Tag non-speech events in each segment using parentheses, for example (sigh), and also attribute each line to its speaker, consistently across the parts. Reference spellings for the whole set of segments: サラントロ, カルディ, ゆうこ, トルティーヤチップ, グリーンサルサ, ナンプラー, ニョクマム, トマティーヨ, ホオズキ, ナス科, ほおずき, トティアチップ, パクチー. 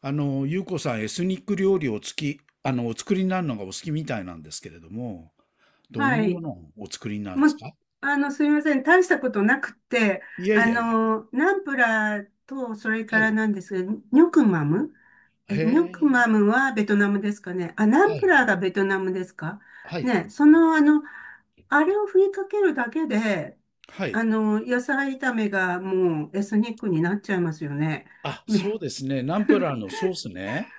Speaker 1: ゆうこさん、エスニック料理をつき、あの、お作りになるのがお好きみたいなんですけれども、どん
Speaker 2: は
Speaker 1: なも
Speaker 2: い。
Speaker 1: のをお作りになるんで
Speaker 2: も
Speaker 1: す
Speaker 2: う
Speaker 1: か？
Speaker 2: すみません。大したことなくて、
Speaker 1: いやいやいや、
Speaker 2: ナンプラーと、それか
Speaker 1: は
Speaker 2: ら
Speaker 1: い。
Speaker 2: なんですが、ニョクマム。
Speaker 1: へ
Speaker 2: ニョク
Speaker 1: え、
Speaker 2: マムはベトナムですかね。あ、ナ
Speaker 1: は
Speaker 2: ンプ
Speaker 1: い、
Speaker 2: ラーがベトナムですか
Speaker 1: はい。
Speaker 2: ね。あれを振りかけるだけで、
Speaker 1: はい。
Speaker 2: 野菜炒めがもうエスニックになっちゃいますよね。
Speaker 1: あ、そうですね。ナンプラーのソースね。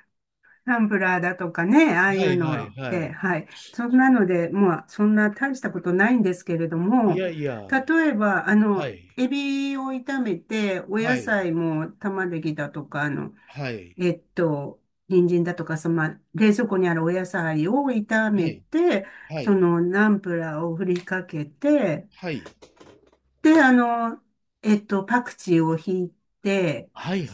Speaker 2: タンブラーだとかね、ああい
Speaker 1: は
Speaker 2: う
Speaker 1: いはい
Speaker 2: の
Speaker 1: は
Speaker 2: で、
Speaker 1: い。
Speaker 2: はい。そんなので、まあ、そんな大したことないんですけれど
Speaker 1: い
Speaker 2: も、
Speaker 1: やいや、
Speaker 2: 例えば、
Speaker 1: はい、
Speaker 2: エビを炒めて、お
Speaker 1: は
Speaker 2: 野
Speaker 1: い、
Speaker 2: 菜も玉ねぎだとか、
Speaker 1: はい、
Speaker 2: えっと、人参だとか、まあ冷蔵庫にあるお野菜を炒
Speaker 1: は
Speaker 2: め
Speaker 1: い、
Speaker 2: て、
Speaker 1: はい、
Speaker 2: ナンプラーを振りかけて、
Speaker 1: はい、
Speaker 2: で、パクチーをひいて、
Speaker 1: はい、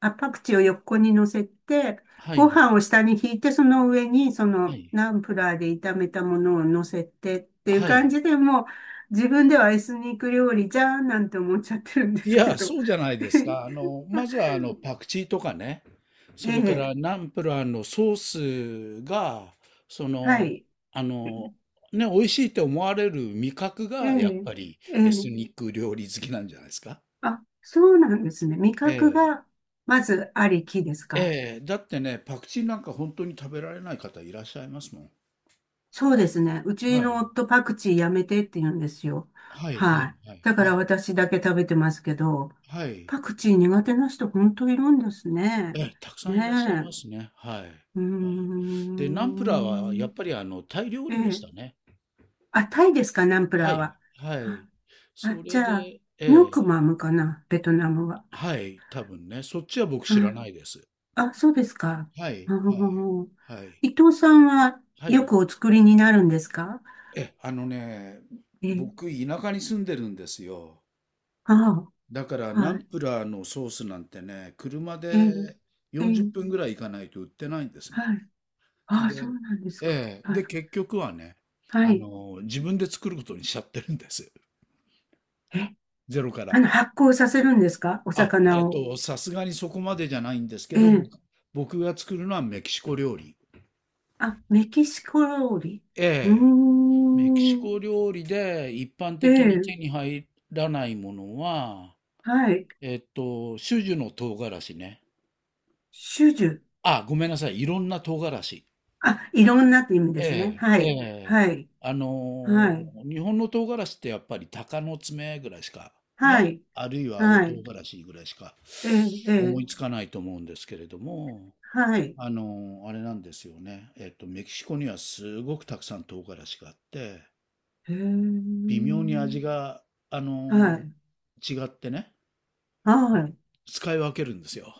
Speaker 2: あ、パクチーを横に乗せて、
Speaker 1: はい、
Speaker 2: ご
Speaker 1: はい、は
Speaker 2: 飯
Speaker 1: い、
Speaker 2: を下に引いて、その上に、
Speaker 1: はい、
Speaker 2: ナンプラーで炒めたものを乗せてっていう
Speaker 1: は
Speaker 2: 感
Speaker 1: い。
Speaker 2: じでもう、自分ではエスニック料理じゃーんなんて思っちゃってるんで
Speaker 1: い
Speaker 2: すけ
Speaker 1: や、
Speaker 2: ど。
Speaker 1: そうじゃないですか。
Speaker 2: (laughs)
Speaker 1: まずはパクチーとかね、そ
Speaker 2: え
Speaker 1: れか
Speaker 2: え、
Speaker 1: らナンプラーのソースが、そ
Speaker 2: は
Speaker 1: の、
Speaker 2: い。
Speaker 1: あの、ね、美味しいって思われる味覚
Speaker 2: え
Speaker 1: が、やっ
Speaker 2: え、
Speaker 1: ぱり
Speaker 2: え
Speaker 1: エス
Speaker 2: え。
Speaker 1: ニック料理好きなんじゃないですか？
Speaker 2: あ、そうなんですね。味覚
Speaker 1: え
Speaker 2: が、まずありきです
Speaker 1: え、
Speaker 2: か？
Speaker 1: ええ、だってね、パクチーなんか本当に食べられない方いらっしゃいますもん。
Speaker 2: そうですね。う
Speaker 1: は
Speaker 2: ちの
Speaker 1: い、
Speaker 2: 夫パクチーやめてって言うんですよ。
Speaker 1: はい、は
Speaker 2: は
Speaker 1: い、
Speaker 2: い。
Speaker 1: はい、
Speaker 2: だか
Speaker 1: は
Speaker 2: ら
Speaker 1: い、
Speaker 2: 私だけ食べてますけど、
Speaker 1: はい。
Speaker 2: パクチー苦手な人本当いるんです
Speaker 1: え
Speaker 2: ね。
Speaker 1: え、たくさんいらっしゃい
Speaker 2: ね
Speaker 1: ますね。はい。はい。
Speaker 2: え。うー
Speaker 1: で、ナンプラーはや
Speaker 2: ん。
Speaker 1: っぱりあのタイ料
Speaker 2: え
Speaker 1: 理でし
Speaker 2: え。
Speaker 1: たね。
Speaker 2: あ、タイですか、ナンプラ
Speaker 1: は
Speaker 2: ー
Speaker 1: い、
Speaker 2: は。
Speaker 1: はい。
Speaker 2: あ、あ
Speaker 1: それ
Speaker 2: じ
Speaker 1: で、
Speaker 2: ゃあ、
Speaker 1: え
Speaker 2: ニョ
Speaker 1: え、
Speaker 2: クマムかな、ベトナムは。
Speaker 1: はい、多分ね、そっちは僕知ら
Speaker 2: あ、
Speaker 1: ないです。
Speaker 2: あ、そうですか。
Speaker 1: は
Speaker 2: あ
Speaker 1: い、はい、
Speaker 2: ー、
Speaker 1: はい、
Speaker 2: 伊藤さんは
Speaker 1: は
Speaker 2: よ
Speaker 1: い。
Speaker 2: くお作りになるんですか？
Speaker 1: え、あのね、
Speaker 2: ええ、
Speaker 1: 僕、田舎に住んでるんですよ。
Speaker 2: あ
Speaker 1: だから、
Speaker 2: あ。
Speaker 1: ナ
Speaker 2: は
Speaker 1: ン
Speaker 2: い。
Speaker 1: プラーのソースなんてね、車
Speaker 2: ええ、
Speaker 1: で
Speaker 2: え
Speaker 1: 40
Speaker 2: え、
Speaker 1: 分ぐらい行かないと売ってないんですね。
Speaker 2: はい。ああ、そ
Speaker 1: で、
Speaker 2: うなんです
Speaker 1: え
Speaker 2: か。
Speaker 1: え、
Speaker 2: は
Speaker 1: で、
Speaker 2: い。
Speaker 1: 結局はね、
Speaker 2: はい。
Speaker 1: 自分で作ることにしちゃってるんです。
Speaker 2: え、
Speaker 1: ゼロから。
Speaker 2: 発酵させるんですかお魚を。
Speaker 1: さすがにそこまでじゃないんですけ
Speaker 2: え
Speaker 1: ど、
Speaker 2: え。
Speaker 1: 僕が作るのはメキシコ料理。
Speaker 2: あ、メキシコ料理。
Speaker 1: え
Speaker 2: う
Speaker 1: え、メキシ
Speaker 2: ーん。
Speaker 1: コ料理で一般
Speaker 2: え
Speaker 1: 的に
Speaker 2: え、
Speaker 1: 手に入らないものは、
Speaker 2: はい。
Speaker 1: 種々の唐辛子ね。
Speaker 2: 種々。
Speaker 1: あ、ごめんなさい、いろんな唐辛子。
Speaker 2: あ、いろんなって意味ですね。
Speaker 1: え
Speaker 2: は
Speaker 1: え、え
Speaker 2: い。
Speaker 1: え。
Speaker 2: はい。はい。
Speaker 1: 日本の唐辛子ってやっぱり鷹の爪ぐらいしか、
Speaker 2: は
Speaker 1: ね、
Speaker 2: い。
Speaker 1: あるいは青
Speaker 2: は
Speaker 1: 唐
Speaker 2: い。
Speaker 1: 辛子ぐらいしか
Speaker 2: ええ、え
Speaker 1: 思いつ
Speaker 2: え、
Speaker 1: かないと思うんですけれども、
Speaker 2: はい。
Speaker 1: あの、あれなんですよね。えっと、メキシコにはすごくたくさん唐辛子があって、
Speaker 2: へえ。
Speaker 1: 微妙に味が、あ
Speaker 2: は
Speaker 1: の、
Speaker 2: い。
Speaker 1: 違ってね、
Speaker 2: はい。
Speaker 1: 使い分けるんですよ。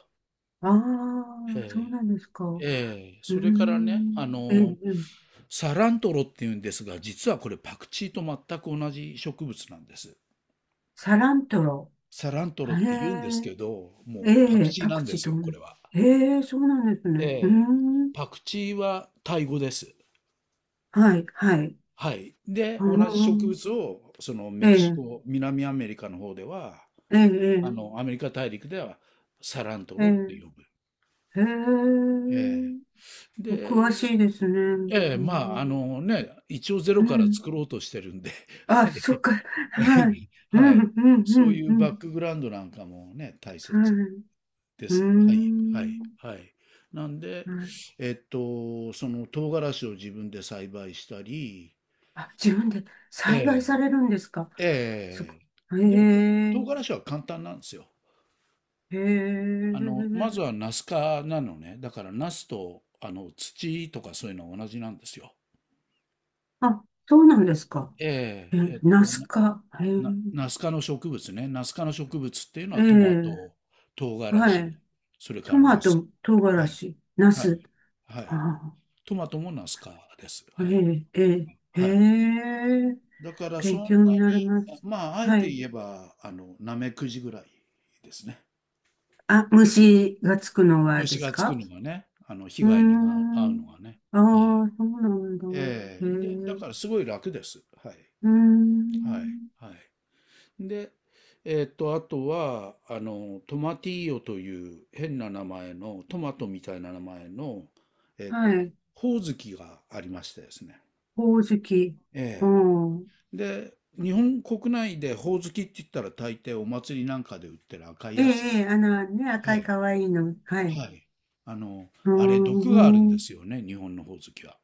Speaker 2: ああ、そう
Speaker 1: え
Speaker 2: なんですか。
Speaker 1: え、
Speaker 2: う
Speaker 1: ええ、
Speaker 2: ー
Speaker 1: それからね、
Speaker 2: ん。ええ、ええ、
Speaker 1: サラントロっていうんですが、実はこれパクチーと全く同じ植物なんです。
Speaker 2: サラントロ。
Speaker 1: サラントロっ
Speaker 2: へ
Speaker 1: て言うんですけど、
Speaker 2: え、え
Speaker 1: もうパク
Speaker 2: え、
Speaker 1: チー
Speaker 2: パ
Speaker 1: な
Speaker 2: ク
Speaker 1: ん
Speaker 2: チ
Speaker 1: で
Speaker 2: ー
Speaker 1: す
Speaker 2: と
Speaker 1: よ、
Speaker 2: 同
Speaker 1: こ
Speaker 2: じ。
Speaker 1: れは。
Speaker 2: へえ、そうなんですね。うー
Speaker 1: ええ、
Speaker 2: ん。
Speaker 1: パクチーはタイ語です。
Speaker 2: はい、はい。
Speaker 1: はい。で、
Speaker 2: うー
Speaker 1: 同じ植
Speaker 2: ん。
Speaker 1: 物を、その
Speaker 2: え
Speaker 1: メキシ
Speaker 2: え、
Speaker 1: コ、南アメリカの方では、
Speaker 2: ええ、
Speaker 1: アメリカ大陸ではサラント
Speaker 2: え
Speaker 1: ロって
Speaker 2: え、
Speaker 1: 呼ぶ。
Speaker 2: ええ、へ
Speaker 1: え
Speaker 2: え。
Speaker 1: え。
Speaker 2: お詳
Speaker 1: で、
Speaker 2: しいですね。
Speaker 1: ええ、
Speaker 2: う
Speaker 1: まあ、あ
Speaker 2: ん。
Speaker 1: のね、一応ゼ
Speaker 2: う
Speaker 1: ロから
Speaker 2: ん。
Speaker 1: 作ろうとしてるんで、(laughs)
Speaker 2: あ、
Speaker 1: は
Speaker 2: そっ
Speaker 1: い。
Speaker 2: か。はい。
Speaker 1: (laughs)
Speaker 2: う
Speaker 1: は
Speaker 2: ん、う
Speaker 1: い。
Speaker 2: ん、う
Speaker 1: そう
Speaker 2: ん、
Speaker 1: い
Speaker 2: う
Speaker 1: うバッ
Speaker 2: ん。
Speaker 1: クグラウンドなんかもね、大
Speaker 2: は
Speaker 1: 切
Speaker 2: い。
Speaker 1: で
Speaker 2: うー
Speaker 1: す。はい。はい。
Speaker 2: ん。
Speaker 1: はい。なんで、
Speaker 2: はい。
Speaker 1: その唐辛子を自分で栽培したり、
Speaker 2: あ、自分で
Speaker 1: え
Speaker 2: 栽培
Speaker 1: え
Speaker 2: されるんですか？すご
Speaker 1: ええ、
Speaker 2: い。
Speaker 1: でも、
Speaker 2: へえ、
Speaker 1: 唐辛子は簡単なんですよ。
Speaker 2: へ
Speaker 1: まず
Speaker 2: え。
Speaker 1: はナス科なのね。だからナスと、土とかそういうのは同じなんですよ。
Speaker 2: あ、そうなんですか。
Speaker 1: え
Speaker 2: え、
Speaker 1: え、
Speaker 2: ナス科。へえ。
Speaker 1: ナス科の植物ね。ナス科の植物っていうの
Speaker 2: え
Speaker 1: はトマ
Speaker 2: え、
Speaker 1: ト、唐辛
Speaker 2: は
Speaker 1: 子、
Speaker 2: い。
Speaker 1: それか
Speaker 2: ト
Speaker 1: ら
Speaker 2: マ
Speaker 1: ナス。
Speaker 2: ト、唐
Speaker 1: は
Speaker 2: 辛
Speaker 1: い。
Speaker 2: 子、ナ
Speaker 1: は
Speaker 2: ス。
Speaker 1: い。は
Speaker 2: あ
Speaker 1: い。
Speaker 2: あ、
Speaker 1: トマトもナス科です。
Speaker 2: え
Speaker 1: はい。
Speaker 2: え、ええ、
Speaker 1: はい。
Speaker 2: へえ。
Speaker 1: だから
Speaker 2: 勉
Speaker 1: そん
Speaker 2: 強
Speaker 1: な
Speaker 2: になり
Speaker 1: に、
Speaker 2: ます。
Speaker 1: まあ、あえ
Speaker 2: は
Speaker 1: て
Speaker 2: い。
Speaker 1: 言えば、ナメクジぐらいですね。
Speaker 2: あ、虫がつくのは
Speaker 1: 虫
Speaker 2: です
Speaker 1: がつく
Speaker 2: か？
Speaker 1: のがね、被
Speaker 2: うー
Speaker 1: 害にが遭うの
Speaker 2: ん。
Speaker 1: がね。
Speaker 2: あ
Speaker 1: はい。
Speaker 2: あ、そうなんだ。
Speaker 1: え
Speaker 2: へえ。
Speaker 1: え。で、だ
Speaker 2: う
Speaker 1: からすごい楽です。はい。
Speaker 2: ー
Speaker 1: は
Speaker 2: ん。
Speaker 1: い。はい。で、えーっと、あとは、あの、トマティーヨという変な名前の、トマトみたいな名前の、えーっと、
Speaker 2: はい。
Speaker 1: ホオズキがありましてですね。
Speaker 2: ほおずき。う
Speaker 1: え
Speaker 2: ん。
Speaker 1: え。で、日本国内でホオズキって言ったら大抵お祭りなんかで売ってる赤い
Speaker 2: ええ、
Speaker 1: やつ。
Speaker 2: ええ、ね、
Speaker 1: は
Speaker 2: 赤い
Speaker 1: い。
Speaker 2: 可愛いの。はい。
Speaker 1: はい。あの、
Speaker 2: うー
Speaker 1: あれ毒があるんです
Speaker 2: ん。
Speaker 1: よね、日本のホオズキは。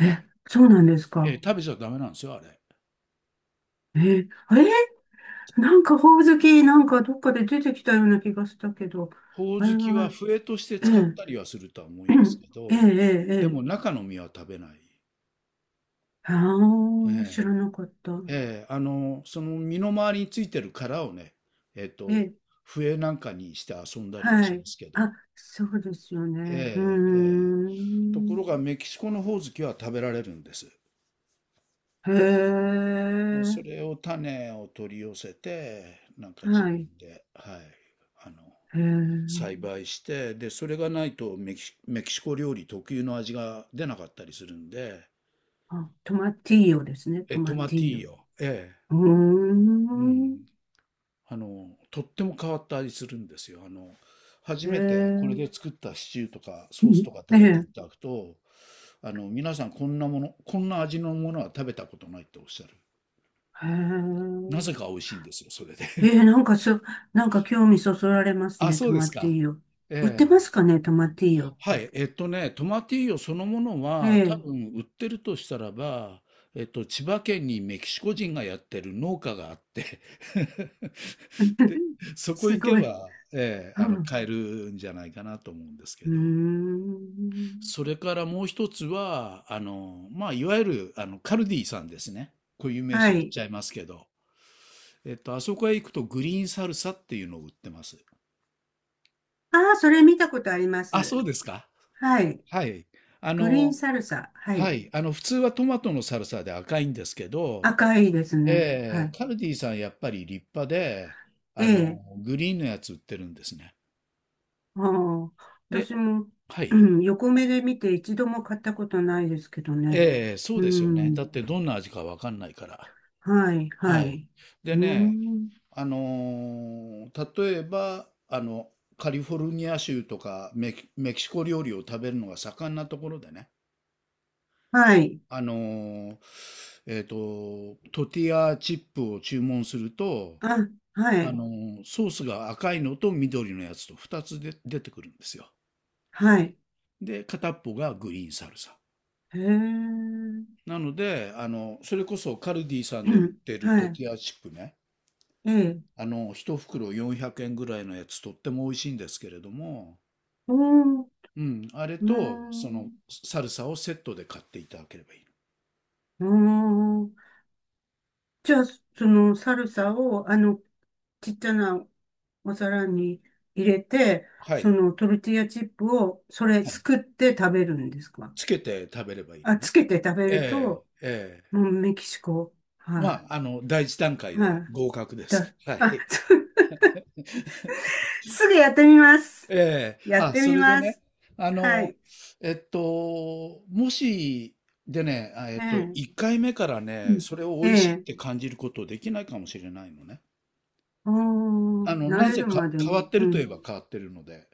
Speaker 2: え、そうなんです
Speaker 1: ええ、
Speaker 2: か。
Speaker 1: 食べちゃダメなんですよ、あれ。
Speaker 2: えー、えなんかほおずき、なんかどっかで出てきたような気がしたけど、
Speaker 1: ほお
Speaker 2: あ
Speaker 1: ず
Speaker 2: れ
Speaker 1: きは
Speaker 2: は、
Speaker 1: 笛として
Speaker 2: え
Speaker 1: 使っ
Speaker 2: え、
Speaker 1: たりはするとは思いますけ
Speaker 2: (clears throat) ええ、え
Speaker 1: ど、
Speaker 2: え、
Speaker 1: で
Speaker 2: え
Speaker 1: も
Speaker 2: え。
Speaker 1: 中の実は食べない。え
Speaker 2: ああ、知らなかった。
Speaker 1: え、ええ、その身の周りについてる殻をね、えっ
Speaker 2: え
Speaker 1: と、
Speaker 2: え、
Speaker 1: 笛なんかにして遊んだりは
Speaker 2: は
Speaker 1: しま
Speaker 2: い。
Speaker 1: すけど、
Speaker 2: あ、そうですよね。うー
Speaker 1: ええ、ええ。とこ
Speaker 2: ん。
Speaker 1: ろがメキシコのほおずきは食べられるんです。
Speaker 2: へえ、
Speaker 1: それを種を取り寄せて、なんか自
Speaker 2: はい。
Speaker 1: 分で、はい、あの、
Speaker 2: へえ、
Speaker 1: 栽培して、で、それがないとメキシコ料理特有の味が出なかったりするんで、
Speaker 2: あ、トマティーヨですね、
Speaker 1: え、
Speaker 2: ト
Speaker 1: ト
Speaker 2: マ
Speaker 1: マ
Speaker 2: ティ
Speaker 1: テ
Speaker 2: ー
Speaker 1: ィ
Speaker 2: ヨ。
Speaker 1: ーヨ。え
Speaker 2: うー
Speaker 1: え、うん。え、
Speaker 2: ん。
Speaker 1: とっても変わった味するんですよ。初
Speaker 2: へえ、
Speaker 1: めてこ
Speaker 2: う
Speaker 1: れ
Speaker 2: ん。
Speaker 1: で作ったシチューとかソースとか
Speaker 2: え
Speaker 1: 食べてい
Speaker 2: え、
Speaker 1: ただくと、皆さんこんなもの、こんな味のものは食べたことないっておっしゃる。
Speaker 2: へ
Speaker 1: なぜか
Speaker 2: え。
Speaker 1: 美味しいんですよ、それで。
Speaker 2: え
Speaker 1: (laughs)
Speaker 2: ー、なんかそ、なんか興味そそられます
Speaker 1: あ、
Speaker 2: ね。
Speaker 1: そう
Speaker 2: 泊
Speaker 1: で
Speaker 2: ま
Speaker 1: す
Speaker 2: っていい
Speaker 1: か。
Speaker 2: よ。
Speaker 1: (laughs)
Speaker 2: 売っ
Speaker 1: え
Speaker 2: て
Speaker 1: え。
Speaker 2: ますかね、泊まっていいよっ
Speaker 1: は
Speaker 2: て。
Speaker 1: い、えっとね、トマティーヨそのもの
Speaker 2: え
Speaker 1: は、多
Speaker 2: え。
Speaker 1: 分売ってるとしたらば、千葉県にメキシコ人がやってる農家があって (laughs) で、
Speaker 2: (laughs)
Speaker 1: そこ
Speaker 2: す
Speaker 1: 行け
Speaker 2: ごい。
Speaker 1: ば、え
Speaker 2: う
Speaker 1: え、あの、
Speaker 2: ん。
Speaker 1: 買えるんじゃないかなと思うんです
Speaker 2: う
Speaker 1: け
Speaker 2: ー
Speaker 1: ど、
Speaker 2: ん。
Speaker 1: それからもう一つは、あの、まあ、いわゆる、あの、カルディさんですね。固有名
Speaker 2: は
Speaker 1: 詞言っ
Speaker 2: い。
Speaker 1: ちゃいますけど、あそこへ行くとグリーンサルサっていうのを売ってます。
Speaker 2: ああ、それ見たことありま
Speaker 1: あ、
Speaker 2: す。
Speaker 1: そうですか。
Speaker 2: はい。
Speaker 1: はい。あ
Speaker 2: グリーン
Speaker 1: の、
Speaker 2: サルサ。は
Speaker 1: は
Speaker 2: い。
Speaker 1: い、あの普通はトマトのサルサで赤いんですけど、
Speaker 2: 赤いです
Speaker 1: うん。
Speaker 2: ね。は
Speaker 1: え
Speaker 2: い。
Speaker 1: ー、カルディさんやっぱり立派で、あ
Speaker 2: え
Speaker 1: の
Speaker 2: え。
Speaker 1: グリーンのやつ売ってるんですね。
Speaker 2: ああ、
Speaker 1: で、
Speaker 2: 私も、
Speaker 1: は
Speaker 2: う
Speaker 1: い、
Speaker 2: ん、横目で見て一度も買ったことないですけどね。
Speaker 1: えー、そう
Speaker 2: う
Speaker 1: ですよね。だっ
Speaker 2: ん。
Speaker 1: てどんな味かわかんないから。
Speaker 2: はい、は
Speaker 1: はい。
Speaker 2: い。
Speaker 1: で
Speaker 2: う
Speaker 1: ね、
Speaker 2: ん。
Speaker 1: 例えばカリフォルニア州とかメキシコ料理を食べるのが盛んなところでね、
Speaker 2: はい。
Speaker 1: あのートティアチップを注文すると、
Speaker 2: あ、は
Speaker 1: あ
Speaker 2: い。
Speaker 1: のソースが赤いのと緑のやつと2つで出てくるんですよ。
Speaker 2: はい。
Speaker 1: で、片っぽがグリーンサルサ。
Speaker 2: へえ。
Speaker 1: なので、それこそカルディさんで売っ
Speaker 2: (clears throat)
Speaker 1: てる
Speaker 2: は
Speaker 1: ト
Speaker 2: い。
Speaker 1: ティアチップね。
Speaker 2: ええ。
Speaker 1: 一袋400円ぐらいのやつとっても美味しいんですけれども、
Speaker 2: おー、
Speaker 1: うん、あれ
Speaker 2: うー
Speaker 1: と、その、
Speaker 2: ん。
Speaker 1: サルサをセットで買っていただければいいの。
Speaker 2: うーん。じゃあ、そのサルサを、ちっちゃなお皿に入れて、
Speaker 1: は
Speaker 2: そ
Speaker 1: い。
Speaker 2: のトルティーヤチップを、それ
Speaker 1: は
Speaker 2: す
Speaker 1: い。
Speaker 2: くって食べるんですか？
Speaker 1: つけて食べればいい
Speaker 2: あ、
Speaker 1: のね。
Speaker 2: つけて食べる
Speaker 1: え
Speaker 2: と、
Speaker 1: え、ええ。
Speaker 2: もうメキシコ。
Speaker 1: ま
Speaker 2: は
Speaker 1: あ、第一段階
Speaker 2: い。は
Speaker 1: で
Speaker 2: い。
Speaker 1: 合格です。は
Speaker 2: あ、
Speaker 1: い。
Speaker 2: (laughs) すぐやってみます。
Speaker 1: ええ、
Speaker 2: やっ
Speaker 1: あ、
Speaker 2: て
Speaker 1: そ
Speaker 2: み
Speaker 1: れで
Speaker 2: ま
Speaker 1: ね、
Speaker 2: す。
Speaker 1: あ
Speaker 2: は
Speaker 1: の、
Speaker 2: い。
Speaker 1: えっと、もし、でね、
Speaker 2: ええ。
Speaker 1: 1回目から
Speaker 2: う
Speaker 1: ね、
Speaker 2: ん。
Speaker 1: それを
Speaker 2: え
Speaker 1: 美味しいっ
Speaker 2: え。
Speaker 1: て感じることできないかもしれないのね。
Speaker 2: ああ、慣
Speaker 1: なん
Speaker 2: れ
Speaker 1: せ
Speaker 2: るま
Speaker 1: か
Speaker 2: で
Speaker 1: 変わ
Speaker 2: に。
Speaker 1: って
Speaker 2: う
Speaker 1: るといえ
Speaker 2: ん。
Speaker 1: ば変わってるので。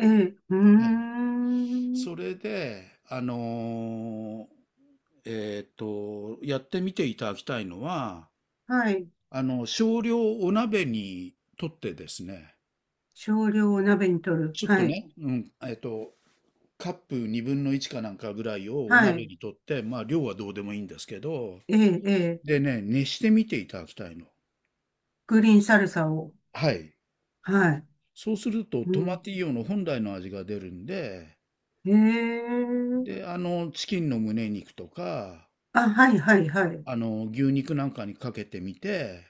Speaker 2: ええ、うー
Speaker 1: はい。
Speaker 2: ん。
Speaker 1: それで、やってみていただきたいのは、
Speaker 2: はい。
Speaker 1: 少量お鍋にとってですね、
Speaker 2: 少量を鍋に取る。
Speaker 1: ちょっ
Speaker 2: は
Speaker 1: と
Speaker 2: い。
Speaker 1: ね、うん、カップ2分の1かなんかぐらいをお
Speaker 2: は
Speaker 1: 鍋
Speaker 2: い。
Speaker 1: にとって、まあ量はどうでもいいんですけど、
Speaker 2: ええ、ええ。
Speaker 1: でね、熱してみていただきたいの。
Speaker 2: グリーンサルサを。
Speaker 1: はい。
Speaker 2: はい。
Speaker 1: そうすると
Speaker 2: う
Speaker 1: トマ
Speaker 2: ん。
Speaker 1: ティーヨの本来の味が出るんで、
Speaker 2: ええ。
Speaker 1: で、チキンの胸肉とか、
Speaker 2: あ、はい、はい、はい。
Speaker 1: 牛肉なんかにかけてみて、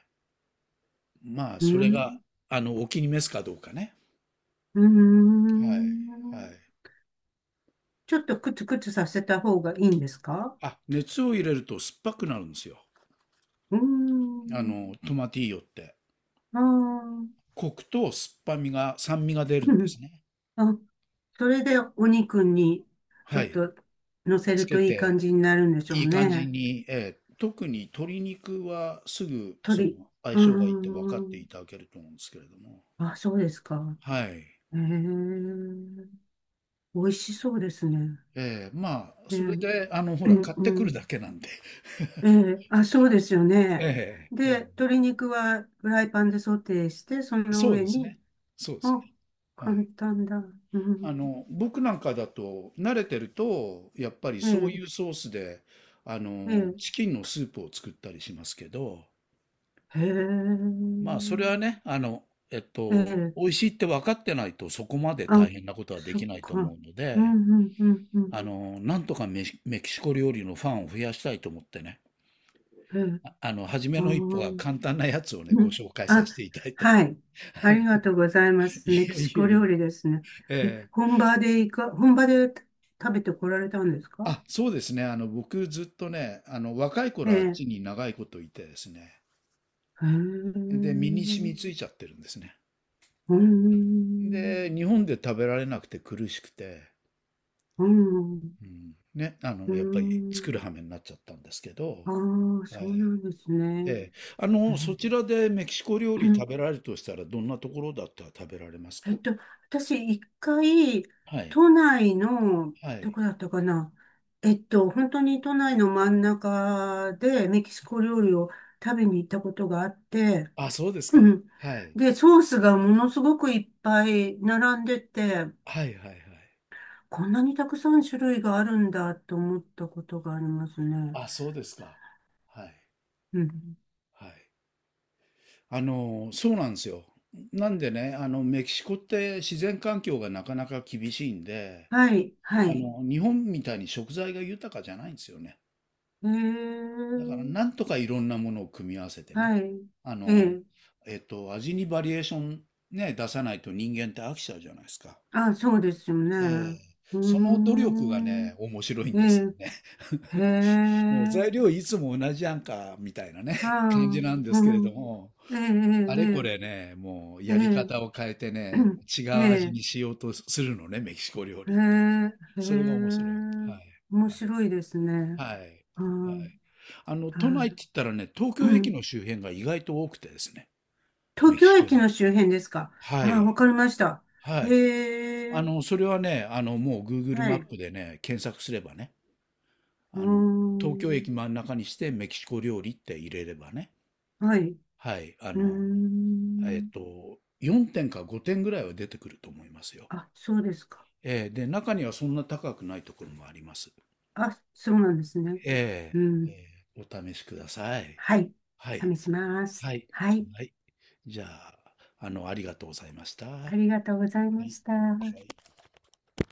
Speaker 1: まあ、
Speaker 2: う
Speaker 1: それ
Speaker 2: ん。
Speaker 1: が、お気に召すかどうかね。
Speaker 2: うー
Speaker 1: はい。
Speaker 2: ん。
Speaker 1: はい。
Speaker 2: ちょっとクツクツさせた方がいいんですか？
Speaker 1: あ、熱を入れると酸っぱくなるんですよ。
Speaker 2: うーん。
Speaker 1: トマティーヨって。
Speaker 2: あー、
Speaker 1: コクと酸っぱみが、酸味が出
Speaker 2: う
Speaker 1: るんで
Speaker 2: ん。
Speaker 1: すね。
Speaker 2: (laughs) あ、それでお肉にちょ
Speaker 1: は
Speaker 2: っ
Speaker 1: い。
Speaker 2: と乗せ
Speaker 1: つ
Speaker 2: る
Speaker 1: け
Speaker 2: といい感
Speaker 1: て、
Speaker 2: じになるんでしょ
Speaker 1: い
Speaker 2: う
Speaker 1: い感じ
Speaker 2: ね。
Speaker 1: に、ええ、特に鶏肉はすぐそ
Speaker 2: 鳥。
Speaker 1: の相
Speaker 2: うー
Speaker 1: 性がいいって分かって
Speaker 2: ん。
Speaker 1: いただけると思うんですけれども。
Speaker 2: あ、そうですか。
Speaker 1: はい。
Speaker 2: えー、美味しそうですね。
Speaker 1: ええ、まあ、
Speaker 2: え
Speaker 1: それ
Speaker 2: ー、
Speaker 1: で、ほ
Speaker 2: う
Speaker 1: ら、
Speaker 2: ん
Speaker 1: 買って
Speaker 2: う
Speaker 1: く
Speaker 2: ん。
Speaker 1: るだけなんで。(laughs)
Speaker 2: あ、そうですよね。
Speaker 1: ええ、
Speaker 2: で、
Speaker 1: え
Speaker 2: 鶏肉はフライパンでソテーして、その
Speaker 1: そう
Speaker 2: 上
Speaker 1: です
Speaker 2: に、
Speaker 1: ね。そうです
Speaker 2: あ、
Speaker 1: ね。は
Speaker 2: 簡
Speaker 1: い。
Speaker 2: 単だ。うん、
Speaker 1: 僕なんかだと、慣れてると、やっぱり
Speaker 2: え
Speaker 1: そう
Speaker 2: ー、
Speaker 1: いうソースで、
Speaker 2: えー、
Speaker 1: チキンのスープを作ったりしますけど、
Speaker 2: へ
Speaker 1: まあ、それは
Speaker 2: ー
Speaker 1: ね、
Speaker 2: えー、
Speaker 1: 美味しいって分かってないとそこまで
Speaker 2: あ、
Speaker 1: 大変なことはで
Speaker 2: そっ
Speaker 1: きないと
Speaker 2: か。
Speaker 1: 思うの
Speaker 2: うん、
Speaker 1: で、
Speaker 2: うん、うん、うん。
Speaker 1: なんとかメキシコ料理のファンを増やしたいと思ってね、
Speaker 2: えー、
Speaker 1: 初め
Speaker 2: あ
Speaker 1: の一歩が
Speaker 2: ー、
Speaker 1: 簡単なやつをね、
Speaker 2: う
Speaker 1: ご
Speaker 2: ん。
Speaker 1: 紹介さ
Speaker 2: あ、
Speaker 1: せていただいた。(laughs)
Speaker 2: はい。ありがとうございます。
Speaker 1: い
Speaker 2: メキ
Speaker 1: え
Speaker 2: シ
Speaker 1: い
Speaker 2: コ
Speaker 1: えい
Speaker 2: 料理ですね。
Speaker 1: え。
Speaker 2: え、
Speaker 1: ええ、
Speaker 2: 本場で食べてこられたんですか？
Speaker 1: あ、そうですね。僕ずっとね、若い
Speaker 2: え
Speaker 1: 頃はあっ
Speaker 2: え。
Speaker 1: ちに長いこといてですね。
Speaker 2: へえ。う
Speaker 1: で、身に染
Speaker 2: ん。
Speaker 1: みついちゃってるんですね。
Speaker 2: うん。
Speaker 1: で、日本で食べられなくて苦しくて、うんね、
Speaker 2: う
Speaker 1: やっぱり作
Speaker 2: ん。
Speaker 1: る羽目になっちゃったんですけど、
Speaker 2: ああ、
Speaker 1: は
Speaker 2: そうな
Speaker 1: い。
Speaker 2: んですね。
Speaker 1: ええ。
Speaker 2: え
Speaker 1: そちらでメキシコ料理食べ
Speaker 2: え
Speaker 1: られるとしたら、どんなところだったら食べられます
Speaker 2: えっ
Speaker 1: か？
Speaker 2: と、私、一回、
Speaker 1: はい。
Speaker 2: 都内の、
Speaker 1: は
Speaker 2: ど
Speaker 1: い。
Speaker 2: こだったかな。本当に都内の真ん中でメキシコ料理を食べに行ったことがあって、
Speaker 1: あ、そうです
Speaker 2: う
Speaker 1: か。
Speaker 2: ん。
Speaker 1: はい。
Speaker 2: で、ソースがものすごくいっぱい並んでて、
Speaker 1: はいはいはい。
Speaker 2: こんなにたくさん種類があるんだと思ったことがありますね。
Speaker 1: あ、そうですか。はい。
Speaker 2: うん。
Speaker 1: はい。そうなんですよ。なんでね、メキシコって自然環境がなかなか厳しいんで、
Speaker 2: はい、はい。
Speaker 1: 日本みたいに食材が豊かじゃないんですよね。
Speaker 2: え
Speaker 1: だから
Speaker 2: ー、
Speaker 1: なんとかいろんなものを組み合わせてね、
Speaker 2: はい。
Speaker 1: あ
Speaker 2: え
Speaker 1: の、
Speaker 2: え。
Speaker 1: 味にバリエーションね、出さないと人間って飽きちゃうじゃないですか。
Speaker 2: あ、そうですよね。
Speaker 1: ええ。
Speaker 2: うー
Speaker 1: その努力が
Speaker 2: ん。
Speaker 1: ね、面白いん
Speaker 2: え
Speaker 1: です
Speaker 2: え。
Speaker 1: よね。
Speaker 2: へ
Speaker 1: (laughs) もう
Speaker 2: え、
Speaker 1: 材料いつも同じやんか、みたいなね、
Speaker 2: ああ、
Speaker 1: 感じ
Speaker 2: う
Speaker 1: なんですけれ
Speaker 2: ん、
Speaker 1: ども、
Speaker 2: ええ、
Speaker 1: あれこれね、もう
Speaker 2: ええ、
Speaker 1: や
Speaker 2: え
Speaker 1: り方を
Speaker 2: え、
Speaker 1: 変えてね、違
Speaker 2: ええ、
Speaker 1: う味に
Speaker 2: え
Speaker 1: しようとするのね、メキシコ料
Speaker 2: え、
Speaker 1: 理って。
Speaker 2: へえ。
Speaker 1: それが面白い。はい。
Speaker 2: 面
Speaker 1: はい
Speaker 2: 白いですね。
Speaker 1: はい。はい。
Speaker 2: うん、
Speaker 1: 都内って
Speaker 2: は
Speaker 1: 言ったらね、東
Speaker 2: い。
Speaker 1: 京
Speaker 2: う
Speaker 1: 駅
Speaker 2: ん。
Speaker 1: の周辺が意外と多くてですね、
Speaker 2: 東
Speaker 1: メキ
Speaker 2: 京
Speaker 1: シコ
Speaker 2: 駅
Speaker 1: 料
Speaker 2: の
Speaker 1: 理。
Speaker 2: 周辺ですか？
Speaker 1: は
Speaker 2: ああ、わ
Speaker 1: い。
Speaker 2: かりました。
Speaker 1: はい。
Speaker 2: へえ、
Speaker 1: それはね、もう Google
Speaker 2: は
Speaker 1: マ
Speaker 2: い。
Speaker 1: ッ
Speaker 2: う
Speaker 1: プでね、検索すればね、
Speaker 2: ー
Speaker 1: あの、東京
Speaker 2: ん、
Speaker 1: 駅真ん中にしてメキシコ料理って入れればね、
Speaker 2: はい。う
Speaker 1: はい、
Speaker 2: ー
Speaker 1: えっ
Speaker 2: ん、
Speaker 1: と、4点か5点ぐらいは出てくると思いますよ。
Speaker 2: あ、そうですか。
Speaker 1: えーで、中にはそんな高くないところもあります。
Speaker 2: あ、そうなんですね。
Speaker 1: え
Speaker 2: う
Speaker 1: ー
Speaker 2: ん、
Speaker 1: えお試しください。
Speaker 2: はい。
Speaker 1: はい。
Speaker 2: 試します。
Speaker 1: はい。
Speaker 2: はい。
Speaker 1: はい。じゃあ、ありがとうございました。
Speaker 2: あ
Speaker 1: は
Speaker 2: りがとうございま
Speaker 1: い。
Speaker 2: した。